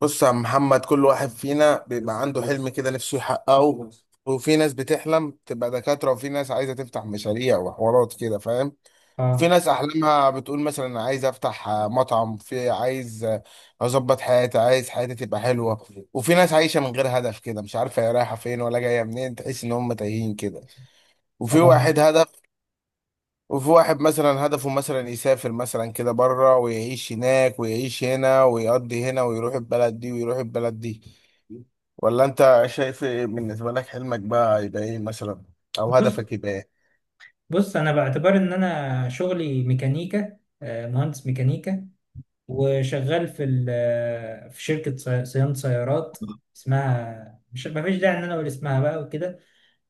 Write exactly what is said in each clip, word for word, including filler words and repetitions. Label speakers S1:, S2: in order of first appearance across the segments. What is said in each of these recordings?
S1: بص يا عم محمد، كل واحد فينا بيبقى عنده حلم كده نفسه يحققه. وفي ناس بتحلم تبقى دكاترة، وفي ناس عايزة تفتح مشاريع وحوارات كده، فاهم؟ في
S2: اه،
S1: ناس أحلامها بتقول مثلا أنا عايز أفتح آه، مطعم، في عايز آه، أظبط حياتي، عايز حياتي تبقى حلوة. وفي ناس عايشة من غير هدف كده، مش عارفة هي رايحة فين ولا جاية منين، تحس إن هم تايهين كده. وفي
S2: اه،
S1: واحد هدف، وفي واحد مثلا هدفه مثلا يسافر مثلا كده بره ويعيش هناك ويعيش هنا ويقضي هنا ويروح البلد دي ويروح البلد دي. ولا انت شايف ايه؟ بالنسبة لك حلمك بقى يبقى ايه مثلا؟ او
S2: بص،
S1: هدفك يبقى ايه؟
S2: بص، انا باعتبار ان انا شغلي ميكانيكا، آه، مهندس ميكانيكا. وشغال في ال- آه، في شركه صي- صيانه سيارات. اسمها، مش، ما فيش داعي ان انا اقول اسمها بقى وكده.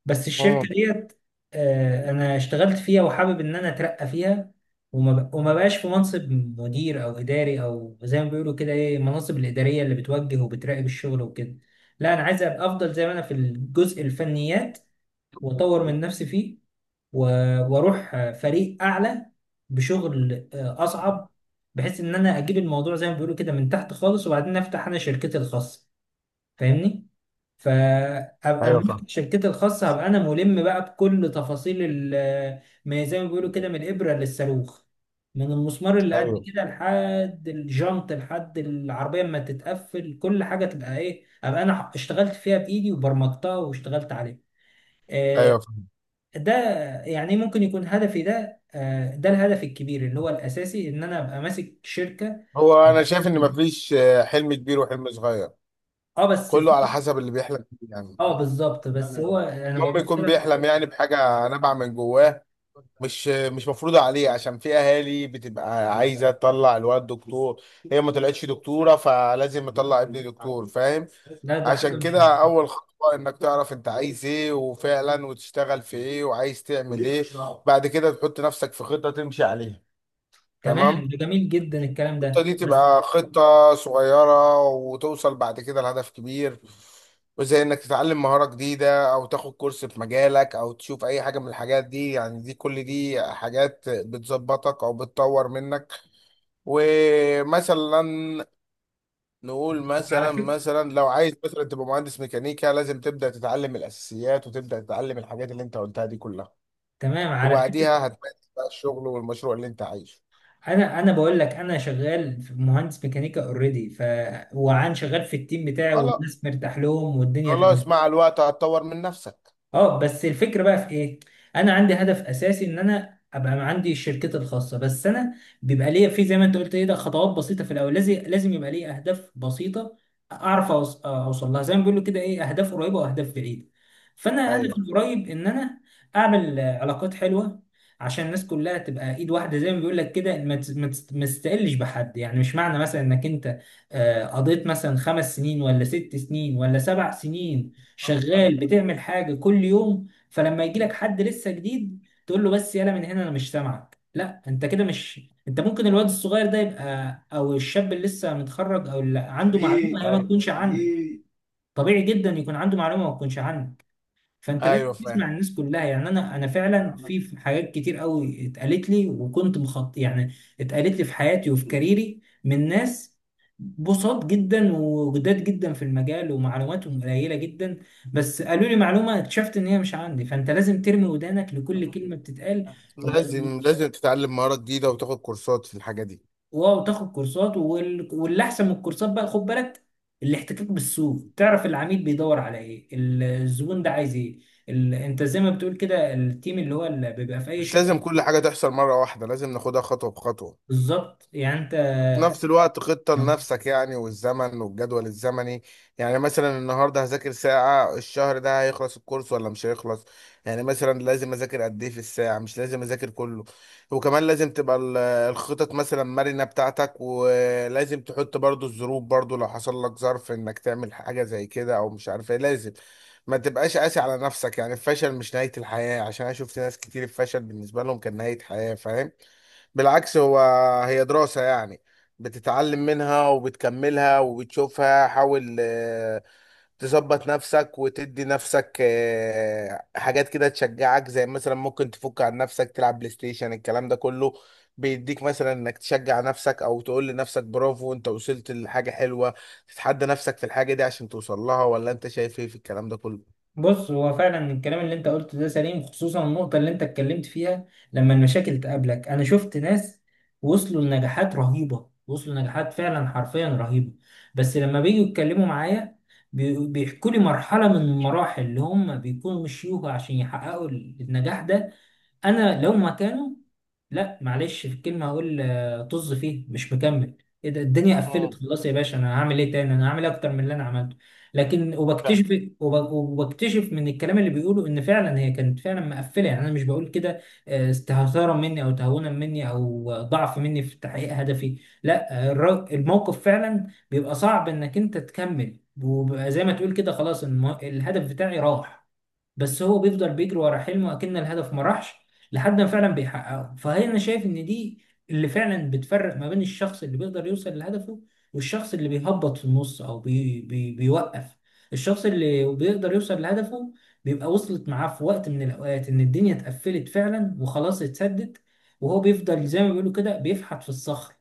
S2: بس الشركه
S1: مم.
S2: ديت، آه، انا اشتغلت فيها وحابب ان انا اترقى فيها. وما ب- وما بقاش في منصب مدير او اداري، او زي ما بيقولوا كده ايه، المناصب الاداريه اللي بتوجه وبتراقب الشغل وكده. لا، انا عايز ابقى افضل زي ما انا في الجزء الفنيات، واطور من نفسي فيه، و- واروح فريق اعلى بشغل آه، اصعب. بحيث ان انا اجيب الموضوع زي ما بيقولوا كده من تحت خالص، وبعدين افتح انا شركتي الخاصه. فاهمني؟ فابقى
S1: ايوه
S2: لما
S1: فاهم.
S2: افتح شركتي الخاصه هبقى انا ملم بقى بكل تفاصيل ال- ما زي ما بيقولوا كده، من الابره للصاروخ، من المسمار اللي قد
S1: ايوه.
S2: كده لحد الجنط لحد العربيه اما تتقفل، كل حاجه تبقى ايه، ابقى انا اشتغلت فيها بايدي وبرمجتها واشتغلت عليها. آه،
S1: ايوه فاهم.
S2: ده يعني ممكن يكون هدفي ده، آه، ده الهدف الكبير اللي هو الاساسي، ان انا ابقى ماسك شركه.
S1: هو انا شايف ان مفيش آه، حلم كبير وحلم صغير،
S2: اه بس
S1: كله على
S2: في.
S1: حسب اللي بيحلم بيه يعني.
S2: اه بالظبط، بس هو انا
S1: المهم
S2: ببص
S1: يكون
S2: لها.
S1: بيحلم يعني بحاجة نابعة من جواه، مش مش مفروضة عليه، عشان في أهالي بتبقى عايزة تطلع الولد دكتور، هي ما طلعتش دكتورة فلازم تطلع ابني دكتور، فاهم؟
S2: لا، ده حاجه،
S1: عشان
S2: مش...
S1: كده أول خطوة إنك تعرف أنت عايز إيه وفعلا، وتشتغل في إيه وعايز تعمل إيه. بعد كده تحط نفسك في خطة تمشي عليها.
S2: تمام،
S1: تمام.
S2: ده جميل جدا الكلام
S1: الخطة دي
S2: ده، بس...
S1: تبقى خطة صغيرة وتوصل بعد كده لهدف كبير. وزي انك تتعلم مهارة جديدة او تاخد كورس في مجالك او تشوف اي حاجة من الحاجات دي، يعني دي كل دي حاجات بتظبطك او بتطور منك. ومثلا نقول
S2: على
S1: مثلا
S2: فكره،
S1: مثلا لو عايز مثلا تبقى مهندس ميكانيكا، لازم تبدأ تتعلم الاساسيات وتبدأ تتعلم الحاجات اللي انت قلتها دي كلها.
S2: تمام، على فكره.
S1: وبعديها هتمارس بقى الشغل والمشروع اللي انت عايشه.
S2: انا انا بقول لك، انا شغال في مهندس ميكانيكا، اوريدي، ف... وعن شغال في التيم بتاعي،
S1: خلاص.
S2: والناس مرتاح لهم والدنيا
S1: خلاص
S2: تمام.
S1: مع الوقت هتطور من نفسك.
S2: اه بس الفكره بقى في ايه. انا عندي هدف اساسي، ان انا ابقى عندي شركتي الخاصه، بس انا بيبقى ليا في، زي ما انت قلت ايه، ده خطوات بسيطه في الاول، لازم، لازم يبقى ليا اهداف بسيطه. اعرف أوص- اوصل لها، زي ما بيقولوا كده ايه، اهداف قريبه واهداف بعيده. فانا هدفي
S1: ايوه.
S2: القريب ان انا اعمل آه، علاقات حلوه، عشان الناس كلها تبقى ايد واحده، زي ما بيقول لك كده، ما تس- ما تس- ما تستقلش بحد. يعني مش معنى مثلا انك انت آه، قضيت مثلا خمس سنين ولا ست سنين ولا سبع سنين شغال بتعمل حاجه كل يوم، فلما يجي لك حد لسه جديد تقول له: بس يلا من هنا، انا مش سامعك، لا، انت كده مش... انت ممكن الواد الصغير ده يبقى، او الشاب اللي لسه متخرج، او اللي عنده معلومه هي ما
S1: ايوه.
S2: تكونش عندك. طبيعي جدا يكون عنده معلومه ما تكونش عندك. فانت
S1: ايوه
S2: لازم
S1: فاهم.
S2: تسمع الناس كلها. يعني انا انا فعلا في في حاجات كتير قوي اتقالت لي، وكنت مخط يعني. اتقالت لي في حياتي وفي كاريري من ناس بساط جدا وجداد جدا في المجال، ومعلوماتهم قليله جدا، بس قالوا لي معلومه اكتشفت ان هي مش عندي. فانت لازم ترمي ودانك لكل كلمه بتتقال. وما
S1: لازم، لازم تتعلم مهارة جديدة وتاخد كورسات في الحاجة دي.
S2: واو تاخد كورسات، وال... واللي احسن من الكورسات بقى، خد بالك، الاحتكاك بالسوق. تعرف العميل بيدور على ايه، ال- الزبون ده عايز ايه. ال... انت زي ما بتقول كده، التيم اللي هو اللي بيبقى في اي
S1: مش
S2: شركه.
S1: لازم كل حاجة تحصل مرة واحدة، لازم ناخدها خطوة بخطوة.
S2: بالظبط يعني.
S1: في نفس الوقت خطة
S2: انت...
S1: لنفسك يعني، والزمن والجدول الزمني. يعني مثلا النهاردة هذاكر ساعة، الشهر ده هيخلص الكورس ولا مش هيخلص؟ يعني مثلا لازم أذاكر قد إيه في الساعة، مش لازم أذاكر كله. وكمان لازم تبقى ال- الخطط مثلا مرنة بتاعتك، ولازم تحط برضو الظروف برضو، لو حصل لك ظرف إنك تعمل حاجة زي كده أو مش عارف إيه، لازم ما تبقاش قاسي على نفسك. يعني الفشل مش نهاية الحياة، عشان أنا شفت ناس كتير الفشل بالنسبة لهم كان نهاية حياة، فاهم؟ بالعكس، هو هي دراسة يعني، بتتعلم منها وبتكملها وبتشوفها. حاول آه، تظبط نفسك وتدي نفسك آه، حاجات كده تشجعك، زي مثلا ممكن تفك عن نفسك تلعب بلاي ستيشن، الكلام ده كله بيديك مثلا انك تشجع نفسك او تقول لنفسك برافو انت وصلت لحاجة حلوة. تتحدى نفسك في الحاجة دي عشان توصل لها. ولا انت شايف ايه في الكلام ده كله؟
S2: بص، هو فعلا الكلام اللي انت قلته ده سليم، خصوصا النقطة اللي انت اتكلمت فيها لما المشاكل تقابلك. انا شفت ناس وصلوا لنجاحات رهيبة، وصلوا لنجاحات فعلا حرفيا رهيبة. بس لما بيجوا يتكلموا معايا، بي- بيحكوا لي مرحلة من المراحل اللي هم بيكونوا مشيوها عشان يحققوا النجاح ده. انا لو مكانه، لا معلش في الكلمة هقول آه، طز فيه، مش مكمل. ايه ده، الدنيا قفلت
S1: امم
S2: خلاص يا باشا، انا هعمل ايه تاني؟ انا هعمل إيه اكتر من اللي انا عملته؟ لكن
S1: فاهم.
S2: وبكتشف، وب- وبكتشف من الكلام اللي بيقوله ان فعلا هي كانت فعلا مقفلة. يعني انا مش بقول كده آه، استهتارا مني، او تهاونا مني، او ضعف مني في تحقيق هدفي. لا، آه، الر- الموقف فعلا بيبقى صعب انك انت تكمل، وبيبقى زي ما تقول كده خلاص، المو- الهدف بتاعي راح. بس هو بيفضل بيجري ورا حلمه، اكن الهدف ما راحش، لحد ما فعلا بيحققه. فهي انا شايف ان دي اللي فعلا بتفرق ما بين الشخص اللي بيقدر يوصل لهدفه، والشخص اللي بيهبط في النص او بي بي بيوقف. الشخص اللي بيقدر يوصل لهدفه، بيبقى وصلت معاه في وقت من الاوقات ان الدنيا اتقفلت فعلا وخلاص اتسدت، وهو بيفضل زي ما بيقولوا كده بيفحت في الصخر،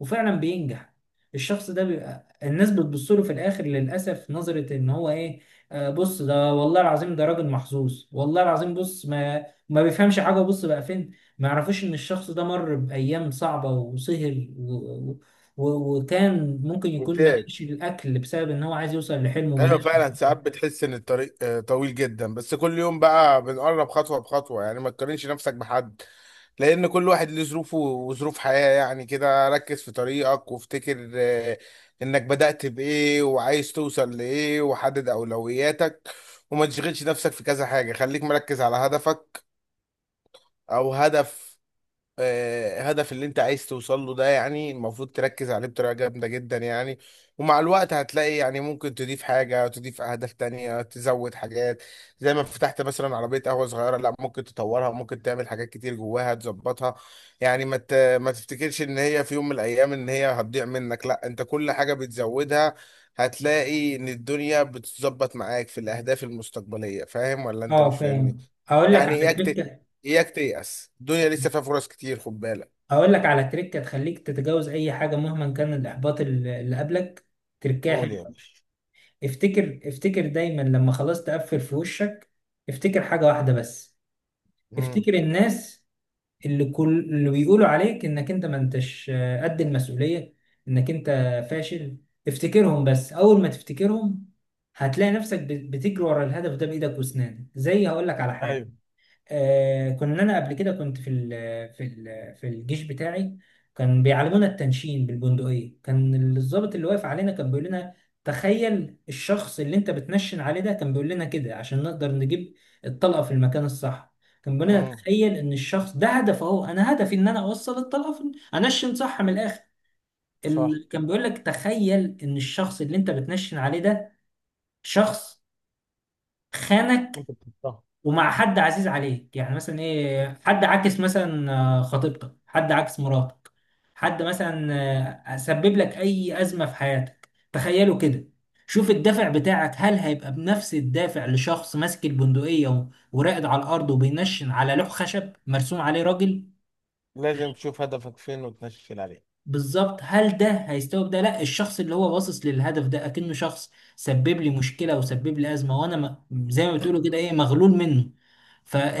S2: وفعلا بينجح. الشخص ده بيبقى الناس بتبص له في الاخر، للاسف، نظرة ان هو ايه: آه، بص، ده والله العظيم ده راجل محظوظ، والله العظيم، بص، ما ما بيفهمش حاجة، بص بقى فين. ما يعرفوش ان الشخص ده مر بأيام صعبة وسهر و... و... و- وكان ممكن يكون ما
S1: ممتاز.
S2: لقاش الأكل بسبب ان هو عايز يوصل لحلمه وما
S1: ايوه
S2: لقاش.
S1: فعلا، ساعات بتحس ان الطريق آه، طويل جدا، بس كل يوم بقى بنقرب خطوه بخطوه يعني. ما تقارنش نفسك بحد، لان كل واحد ليه ظروفه وظروف حياه يعني. كده ركز في طريقك وافتكر آه، انك بدأت بايه وعايز توصل لايه، وحدد اولوياتك، وما تشغلش نفسك في كذا حاجه، خليك مركز على هدفك. او هدف آه، هدف اللي انت عايز توصل له ده، يعني المفروض تركز عليه بطريقة جامدة جدا يعني. ومع الوقت هتلاقي يعني ممكن تضيف حاجة، تضيف أهداف تانية، تزود حاجات. زي ما فتحت مثلا عربية قهوة صغيرة، لا، ممكن تطورها، ممكن تعمل حاجات كتير جواها تظبطها. يعني ما ت- ما تفتكرش ان هي في يوم من الأيام ان هي هتضيع منك، لا، انت كل حاجة بتزودها هتلاقي ان الدنيا بتتظبط معاك في الأهداف المستقبلية. فاهم ولا انت
S2: اه
S1: مش فاهمني؟
S2: فاهم. اقول لك
S1: يعني
S2: على
S1: ايه؟
S2: تريكة
S1: اياك تيأس، الدنيا لسه فيها فرص كتير خد بالك.
S2: اقول لك على تريكة تخليك تتجاوز اي حاجة مهما كان الإحباط ال- اللي قبلك. تركاها
S1: قول يا
S2: حلوة.
S1: باشا.
S2: افتكر، افتكر دايما لما خلاص تقفل في وشك. افتكر حاجة واحدة بس.
S1: مم.
S2: افتكر الناس، اللي كل اللي بيقولوا عليك انك انت ما انتش قد المسؤولية، انك انت فاشل. افتكرهم. بس اول ما تفتكرهم هتلاقي نفسك بت- بتجري ورا الهدف ده بايدك واسنانك. زي... هقول لك على
S1: ايوه.
S2: حاجة. آه كنا انا قبل كده كنت في ال في ال في الجيش بتاعي. كان بيعلمونا التنشين بالبندقية. كان الضابط اللي واقف علينا كان بيقول لنا: تخيل الشخص اللي انت بتنشن عليه ده. كان بيقول لنا كده عشان نقدر نجيب الطلقة في المكان الصح. كان بيقول لنا:
S1: مم.
S2: تخيل ان الشخص ده هدفه هو، انا هدفي ان انا اوصل الطلقة في... انشن صح من الاخر.
S1: صح.
S2: ال... كان بيقول لك: تخيل ان الشخص اللي انت بتنشن عليه ده شخص خانك،
S1: انت بتختار.
S2: ومع حد عزيز عليك، يعني مثلا ايه، حد عاكس مثلا آه، خطيبتك، حد عاكس مراتك، حد مثلا آه، سبب لك اي ازمه في حياتك، تخيلوا كده. شوف الدافع بتاعك، هل هيبقى بنفس الدافع لشخص ماسك البندقيه و- وراقد على الارض وبينشن على لوح خشب مرسوم عليه راجل؟
S1: لازم تشوف هدفك فين وتنشل عليه.
S2: بالظبط. هل ده هيستوعب ده؟ لا، الشخص اللي هو باصص للهدف ده اكنه شخص سبب لي مشكله وسبب لي ازمه، وانا م- زي ما بتقولوا كده ايه، مغلول منه.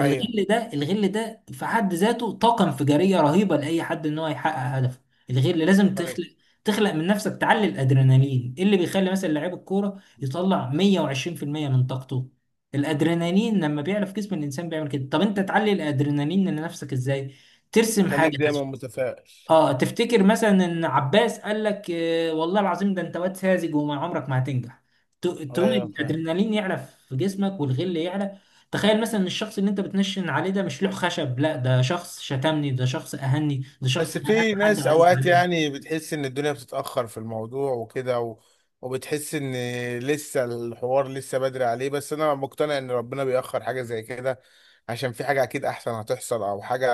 S1: ايوه.
S2: ده، الغل ده في حد ذاته طاقه انفجاريه رهيبه لاي حد ان هو يحقق هدفه. الغل لازم
S1: ايوه
S2: تخلق، تخلق من نفسك، تعلي الادرينالين. إيه اللي بيخلي مثلا لعيب الكوره يطلع مئة وعشرين في المئة من طاقته؟ الادرينالين لما بيعلى في جسم الانسان بيعمل كده. طب انت تعلي الادرينالين لنفسك ازاي؟ ترسم
S1: خليك
S2: حاجه.
S1: دايما متفائل.
S2: اه، تفتكر مثلا ان عباس قال لك: آه والله العظيم ده انت واد ساذج، وما عمرك ما هتنجح. ت- تقوم
S1: ايوه فاهم.
S2: الادرينالين يعلى في جسمك، والغل يعلى. تخيل مثلا ان الشخص اللي انت بتنشن عليه ده مش لوح خشب، لا، ده شخص شتمني، ده شخص اهني، ده شخص
S1: بس
S2: اهان
S1: في
S2: حد
S1: ناس
S2: عزيز
S1: اوقات
S2: عليه.
S1: يعني بتحس ان الدنيا بتتأخر في الموضوع وكده و... وبتحس ان لسه الحوار لسه بدري عليه، بس انا مقتنع ان ربنا بيأخر حاجة زي كده عشان في حاجة اكيد احسن هتحصل او حاجة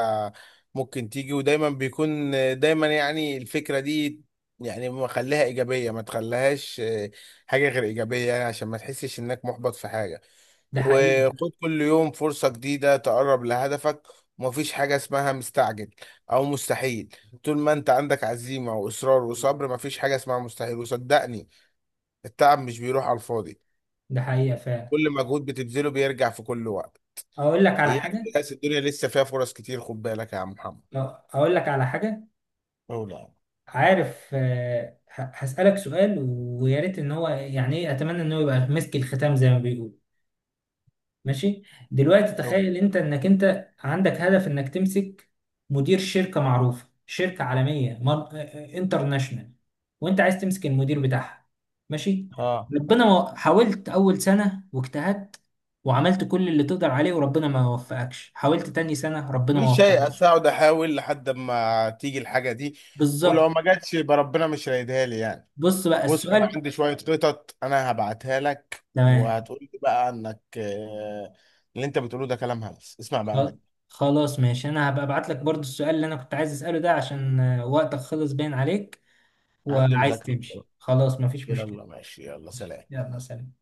S1: ممكن تيجي. ودايما بيكون دايما يعني الفكرة دي يعني مخليها ايجابية، ما تخليهاش آه، حاجة غير ايجابية يعني، عشان ما تحسش انك محبط في حاجة.
S2: ده حقيقة.
S1: وخد كل يوم فرصة جديدة تقرب لهدفك. ومفيش حاجة اسمها مستعجل أو مستحيل. طول ما أنت عندك عزيمة وإصرار وصبر، مفيش حاجة اسمها مستحيل، وصدقني التعب مش بيروح على الفاضي،
S2: ده حقيقة فعلا.
S1: كل مجهود بتبذله بيرجع في كل وقت.
S2: اقول لك على
S1: إياك
S2: حاجة
S1: تيأس، الدنيا لسه فيها فرص كتير خد بالك يا عم محمد.
S2: آه، اقول لك على حاجة.
S1: أولى.
S2: عارف؟ آه، ه- هسألك سؤال، ويا ريت ان هو، يعني ايه، اتمنى ان هو يبقى مسك الختام زي ما بيقول. ماشي. دلوقتي تخيل انت انك انت عندك هدف انك تمسك مدير شركة معروفة، شركة عالمية، مار- انترناشونال، وانت عايز تمسك المدير بتاعها. ماشي.
S1: اه،
S2: ربنا ما- حاولت اول سنة واجتهدت، وعملت كل اللي تقدر عليه، وربنا ما وفقكش. حاولت تاني سنة، ربنا ما
S1: مش هيأس،
S2: وفقكش.
S1: أقعد أحاول لحد ما تيجي الحاجة دي، ولو
S2: بالظبط.
S1: ما جاتش يبقى ربنا مش رايدها لي يعني.
S2: بص بقى
S1: بص انا
S2: السؤال.
S1: عندي شويه خطط انا هبعتها لك
S2: تمام.
S1: وهتقول لي بقى انك آه، اللي انت بتقوله ده كلام هلس، اسمع بقى
S2: خل-
S1: مني.
S2: خلاص ماشي، انا هبقى ابعت لك برضو السؤال اللي انا كنت عايز اسأله ده، عشان آه، وقتك خلص باين عليك
S1: عندي
S2: وعايز
S1: مذاكره بصراحة.
S2: تمشي، خلاص مفيش مشكلة.
S1: يلا ماشي، يلا سلام.
S2: يلا سلام.